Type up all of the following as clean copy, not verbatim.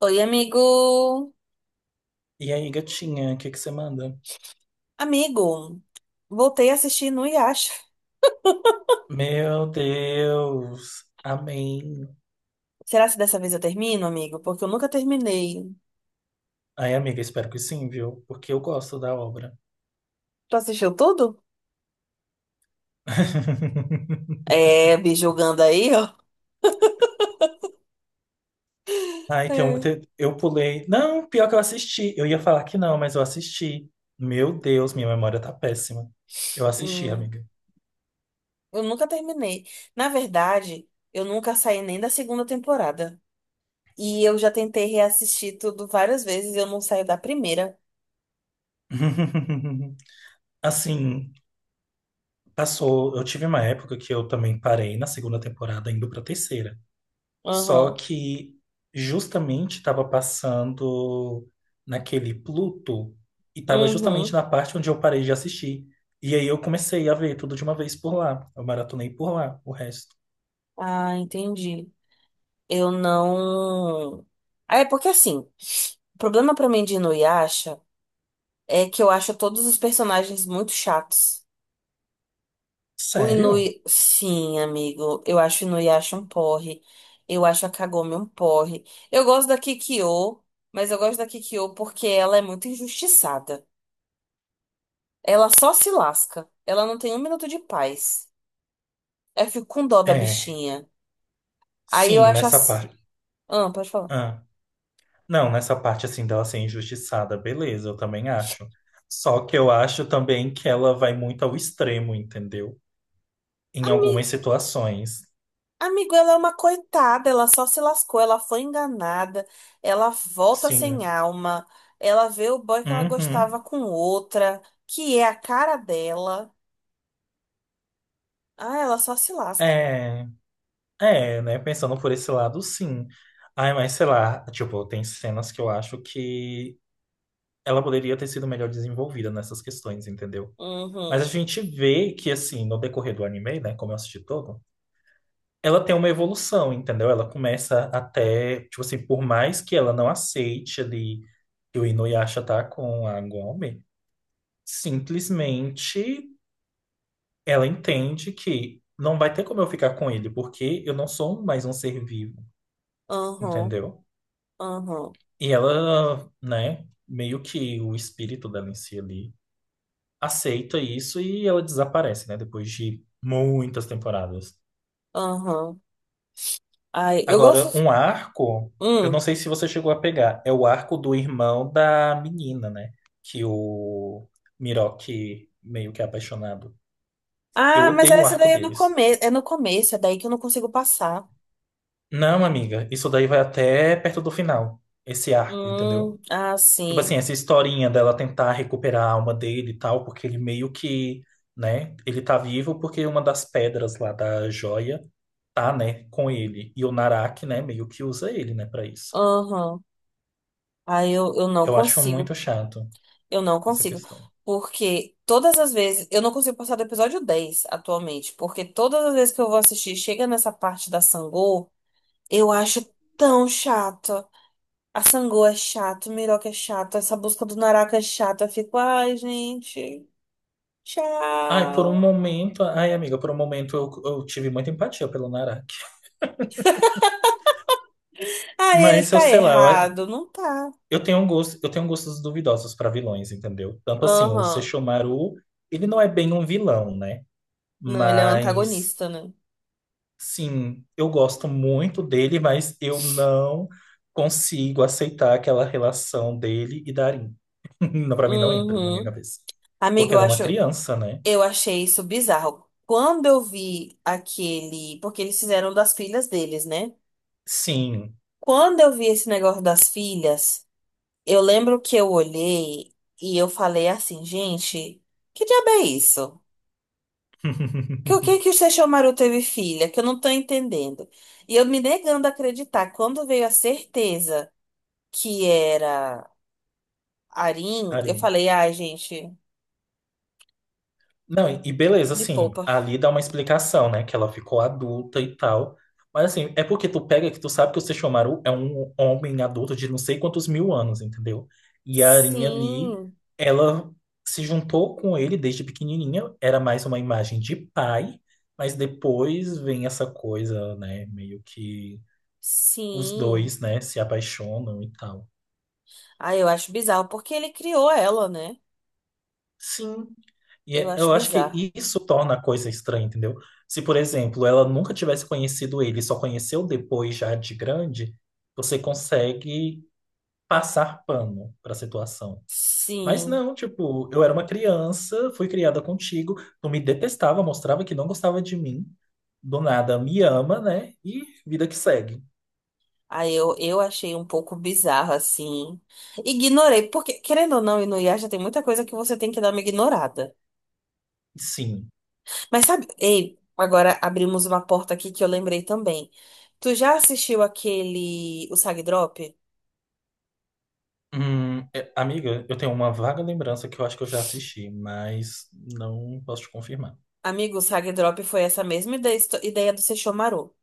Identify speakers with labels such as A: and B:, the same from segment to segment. A: Oi, amigo.
B: E aí, gatinha, o que que você manda?
A: Amigo, voltei a assistir no Yasha.
B: Meu Deus, amém.
A: Será que dessa vez eu termino, amigo? Porque eu nunca terminei.
B: Ai, amiga, espero que sim, viu? Porque eu gosto da obra.
A: Tu assistiu tudo? É, me julgando aí, ó.
B: Ai,
A: É.
B: eu pulei. Não, pior que eu assisti. Eu ia falar que não, mas eu assisti. Meu Deus, minha memória tá péssima. Eu assisti,
A: Hum,
B: amiga.
A: eu nunca terminei. Na verdade, eu nunca saí nem da segunda temporada. E eu já tentei reassistir tudo várias vezes e eu não saio da primeira.
B: Assim, passou. Eu tive uma época que eu também parei na segunda temporada, indo pra terceira. Só
A: Aham.
B: que justamente estava passando naquele Pluto e estava justamente
A: Uhum.
B: na parte onde eu parei de assistir. E aí eu comecei a ver tudo de uma vez por lá. Eu maratonei por lá, o resto.
A: Ah, entendi. Eu não. Ah, é porque assim. O problema pra mim de Inuyasha é que eu acho todos os personagens muito chatos. O
B: Sério?
A: Inui, sim, amigo. Eu acho o Inuyasha um porre. Eu acho a Kagome um porre. Eu gosto da Kikyo, mas eu gosto da Kikyo porque ela é muito injustiçada. Ela só se lasca. Ela não tem um minuto de paz. Eu fico com dó da
B: É,
A: bichinha. Aí eu
B: sim,
A: acho
B: nessa
A: assim.
B: parte.
A: Ah, pode falar.
B: Ah, não, nessa parte assim dela ser injustiçada, beleza, eu também acho. Só que eu acho também que ela vai muito ao extremo, entendeu? Em algumas situações.
A: Amigo, ela é uma coitada, ela só se lascou, ela foi enganada, ela volta sem
B: Sim.
A: alma, ela vê o boy que ela
B: Uhum.
A: gostava com outra, que é a cara dela. Ah, ela só se lasca.
B: É. É, né? Pensando por esse lado, sim. Ai, mas sei lá, tipo, tem cenas que eu acho que ela poderia ter sido melhor desenvolvida nessas questões, entendeu? Mas a
A: Uhum,
B: gente vê que, assim, no decorrer do anime, né, como eu assisti todo, ela tem uma evolução, entendeu? Ela começa até, tipo assim, por mais que ela não aceite ali que o Inuyasha tá com a Gome, simplesmente ela entende que não vai ter como eu ficar com ele, porque eu não sou mais um ser vivo,
A: uhum,
B: entendeu?
A: uhum,
B: E ela, né, meio que o espírito dela em si ali aceita isso e ela desaparece, né, depois de muitas temporadas.
A: uhum. Ai, eu
B: Agora,
A: gosto.
B: um arco, eu não
A: Hum.
B: sei se você chegou a pegar, é o arco do irmão da menina, né, que o Miroque meio que é apaixonado. Eu
A: Ah, mas
B: odeio o
A: essa
B: arco
A: daí é no
B: deles.
A: começo, é no começo, é daí que eu não consigo passar.
B: Não, amiga, isso daí vai até perto do final, esse arco, entendeu?
A: Ah,
B: Tipo assim,
A: sim.
B: essa historinha dela tentar recuperar a alma dele e tal, porque ele meio que, né, ele tá vivo porque uma das pedras lá da joia tá, né, com ele. E o Naraki, né, meio que usa ele, né, pra isso.
A: Uhum. Aí eu não
B: Eu acho muito
A: consigo.
B: chato
A: Eu não
B: essa
A: consigo.
B: questão.
A: Porque todas as vezes. Eu não consigo passar do episódio 10 atualmente. Porque todas as vezes que eu vou assistir, chega nessa parte da Sangô, eu acho tão chato. A Sangô é chato, o Miroca é chato, essa busca do Naraka é chata. Eu fico, ai, gente,
B: Ai, por um
A: tchau.
B: momento, ai, amiga, por um momento eu tive muita empatia pelo Naraki.
A: Ah, ele
B: Mas eu
A: tá
B: sei lá, eu,
A: errado. Não tá.
B: eu eu tenho gostos duvidosos pra vilões, entendeu? Tanto assim, o
A: Aham.
B: Sesshomaru, ele não é bem um vilão, né?
A: Não, ele é um
B: Mas
A: antagonista, né?
B: sim, eu gosto muito dele, mas eu não consigo aceitar aquela relação dele e Darin. Não, para mim não entra na minha
A: Uhum.
B: cabeça.
A: Amigo,
B: Porque
A: eu
B: ela é uma
A: acho.
B: criança, né?
A: Eu achei isso bizarro. Quando eu vi aquele. Porque eles fizeram das filhas deles, né?
B: Sim.
A: Quando eu vi esse negócio das filhas, eu lembro que eu olhei e eu falei assim, gente, que diabo é isso? Que o que que o Sesshomaru teve filha? Que eu não tô entendendo. E eu me negando a acreditar. Quando veio a certeza que era Arin, eu
B: Darin.
A: falei, ai, gente,
B: Não, e beleza,
A: me
B: assim,
A: poupa.
B: ali dá uma explicação, né? Que ela ficou adulta e tal. Mas assim, é porque tu pega que tu sabe que o Sesshomaru é um homem adulto de não sei quantos mil anos, entendeu? E a Arinha ali,
A: Sim,
B: ela se juntou com ele desde pequenininha, era mais uma imagem de pai, mas depois vem essa coisa, né? Meio que os
A: sim.
B: dois, né, se apaixonam e tal.
A: Ah, eu acho bizarro, porque ele criou ela, né?
B: Sim,
A: Eu acho
B: eu acho que
A: bizarro.
B: isso torna a coisa estranha, entendeu? Se, por exemplo, ela nunca tivesse conhecido ele, só conheceu depois já de grande, você consegue passar pano para a situação. Mas
A: Sim.
B: não, tipo, eu era uma criança, fui criada contigo, tu me detestava, mostrava que não gostava de mim, do nada me ama, né? E vida que segue.
A: Aí eu achei um pouco bizarro, assim. Ignorei, porque, querendo ou não, e no Inuyasha tem muita coisa que você tem que dar uma ignorada.
B: Sim.
A: Mas sabe, ei, agora abrimos uma porta aqui que eu lembrei também. Tu já assistiu aquele, o Sag Drop?
B: Amiga, eu tenho uma vaga lembrança que eu acho que eu já assisti, mas não posso te confirmar.
A: Amigo, o Sag Drop foi essa mesma ideia, ideia do Sesshomaru.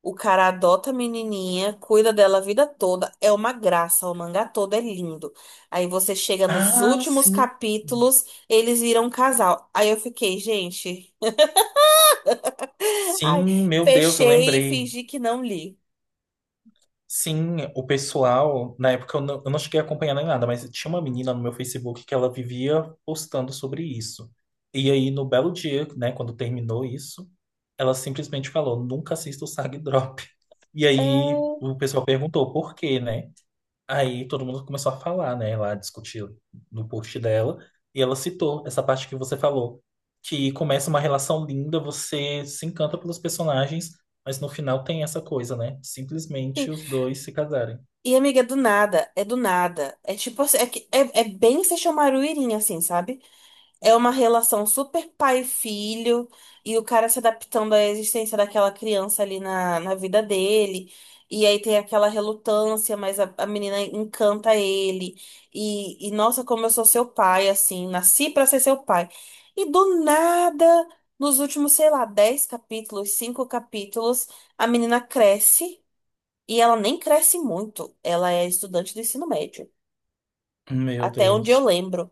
A: O cara adota a menininha, cuida dela a vida toda, é uma graça, o mangá todo é lindo. Aí você chega nos
B: Ah,
A: últimos
B: sim.
A: capítulos, eles viram um casal. Aí eu fiquei, gente,
B: Sim,
A: ai,
B: meu Deus, eu
A: fechei e
B: lembrei.
A: fingi que não li.
B: Sim, o pessoal, na época eu não cheguei a acompanhar nem nada, mas tinha uma menina no meu Facebook que ela vivia postando sobre isso. E aí, no belo dia, né, quando terminou isso, ela simplesmente falou: nunca assista o Sag Drop. E
A: É,
B: aí, o pessoal perguntou por quê, né? Aí todo mundo começou a falar, né? Lá discutir no post dela. E ela citou essa parte que você falou, que começa uma relação linda, você se encanta pelos personagens, mas no final tem essa coisa, né?
A: sim.
B: Simplesmente os dois se casarem.
A: E amiga, é do nada, é do nada. É tipo assim, é bem Sesshomaru Irin, assim, sabe? É uma relação super pai-filho e o cara se adaptando à existência daquela criança ali na, na vida dele. E aí tem aquela relutância, mas a menina encanta ele. E nossa, como eu sou seu pai, assim, nasci pra ser seu pai. E do nada, nos últimos, sei lá, 10 capítulos, 5 capítulos, a menina cresce e ela nem cresce muito. Ela é estudante do ensino médio,
B: Meu
A: até onde eu
B: Deus.
A: lembro.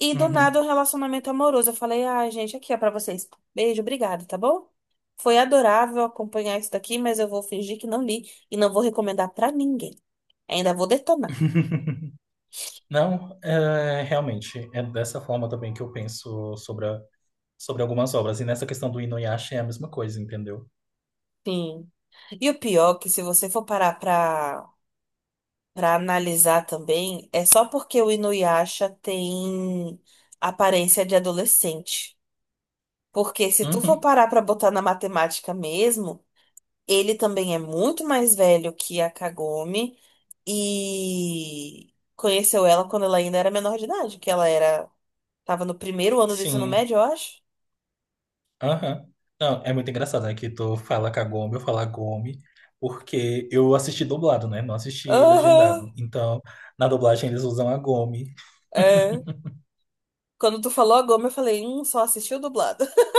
A: E do nada o
B: Uhum.
A: relacionamento amoroso. Eu falei, ai, gente, aqui é pra vocês. Beijo, obrigada, tá bom? Foi adorável acompanhar isso daqui, mas eu vou fingir que não li e não vou recomendar pra ninguém. Ainda vou detonar.
B: Não, é, realmente, é dessa forma também que eu penso sobre algumas obras. E nessa questão do Inuyasha é a mesma coisa, entendeu?
A: Sim. E o pior, é que se você for parar pra, pra analisar também, é só porque o Inuyasha tem aparência de adolescente. Porque se tu for
B: Uhum.
A: parar pra botar na matemática mesmo. Ele também é muito mais velho que a Kagome e conheceu ela quando ela ainda era menor de idade, que ela era, tava no primeiro ano do ensino
B: Sim.
A: médio, eu acho.
B: Aham. Não, é muito engraçado, né? Que tu fala Kagome, eu falo Gome, porque eu assisti dublado, né? Não assisti
A: Aham,
B: legendado. Então, na dublagem eles usam a Gome.
A: é. Quando tu falou a Goma, eu falei, só assistiu dublado.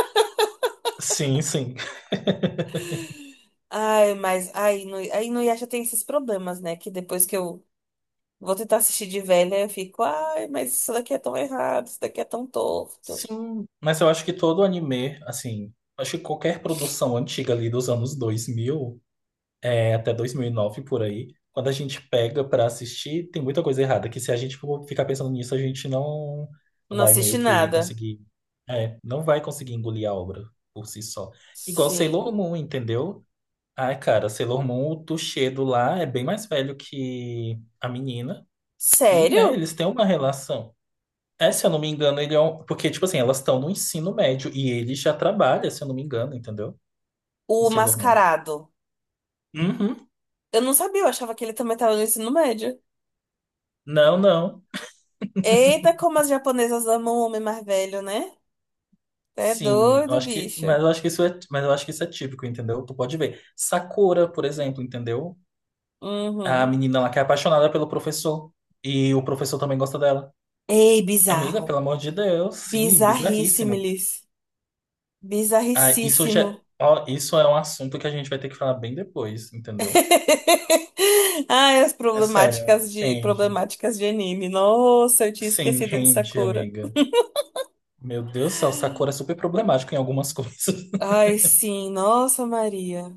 B: Sim, sim.
A: Ai, mas aí no Yasha tem esses problemas, né? Que depois que eu vou tentar assistir de velha, eu fico, ai, mas isso daqui é tão errado, isso daqui é tão torto.
B: Sim, mas eu acho que todo anime, assim, acho que qualquer produção antiga ali dos anos 2000, é, até 2009 por aí. Quando a gente pega pra assistir, tem muita coisa errada, que se a gente for ficar pensando nisso, a gente não
A: Não
B: vai
A: assisti
B: meio que
A: nada.
B: conseguir, é, não vai conseguir engolir a obra por si só. Igual Sailor
A: Sim.
B: Moon, entendeu? Ai, cara, Sailor Moon, o Tuxedo lá é bem mais velho que a menina. E, né,
A: Sério?
B: eles têm uma relação. É, se eu não me engano, ele é um... Porque, tipo assim, elas estão no ensino médio e ele já trabalha, se eu não me engano, entendeu? Em
A: O
B: Sailor Moon.
A: Mascarado.
B: Uhum.
A: Eu não sabia, eu achava que ele também tava no ensino médio.
B: Não, não.
A: Eita, como as japonesas amam o homem mais velho, né? É
B: Sim, eu
A: doido,
B: acho que,
A: bicho.
B: mas eu acho que isso é, mas eu acho que isso é típico, entendeu? Tu pode ver. Sakura, por exemplo, entendeu? É a
A: Uhum.
B: menina lá que é apaixonada pelo professor e o professor também gosta dela.
A: Ei,
B: Amiga,
A: bizarro.
B: pelo amor de Deus, sim, bizarríssimo.
A: Bizarríssimilis.
B: Ah, isso já,
A: Bizarricíssimo.
B: ó, isso é um assunto que a gente vai ter que falar bem depois, entendeu?
A: Ai, as
B: É sério, rende.
A: problemáticas de anime. Nossa, eu tinha
B: Sim,
A: esquecido de
B: rende,
A: Sakura.
B: amiga. Meu Deus do céu, Sakura é super problemático em algumas coisas.
A: Ai, sim, nossa Maria.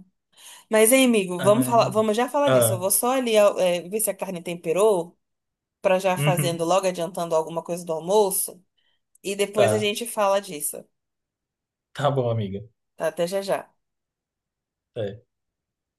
A: Mas, hein, amigo,
B: Ai,
A: vamos já falar disso. Eu
B: ah,
A: vou só ali, ver se a carne temperou, pra já fazendo
B: uhum,
A: logo adiantando alguma coisa do almoço. E depois a
B: tá,
A: gente fala disso,
B: tá bom, amiga.
A: tá? Até já já.
B: É.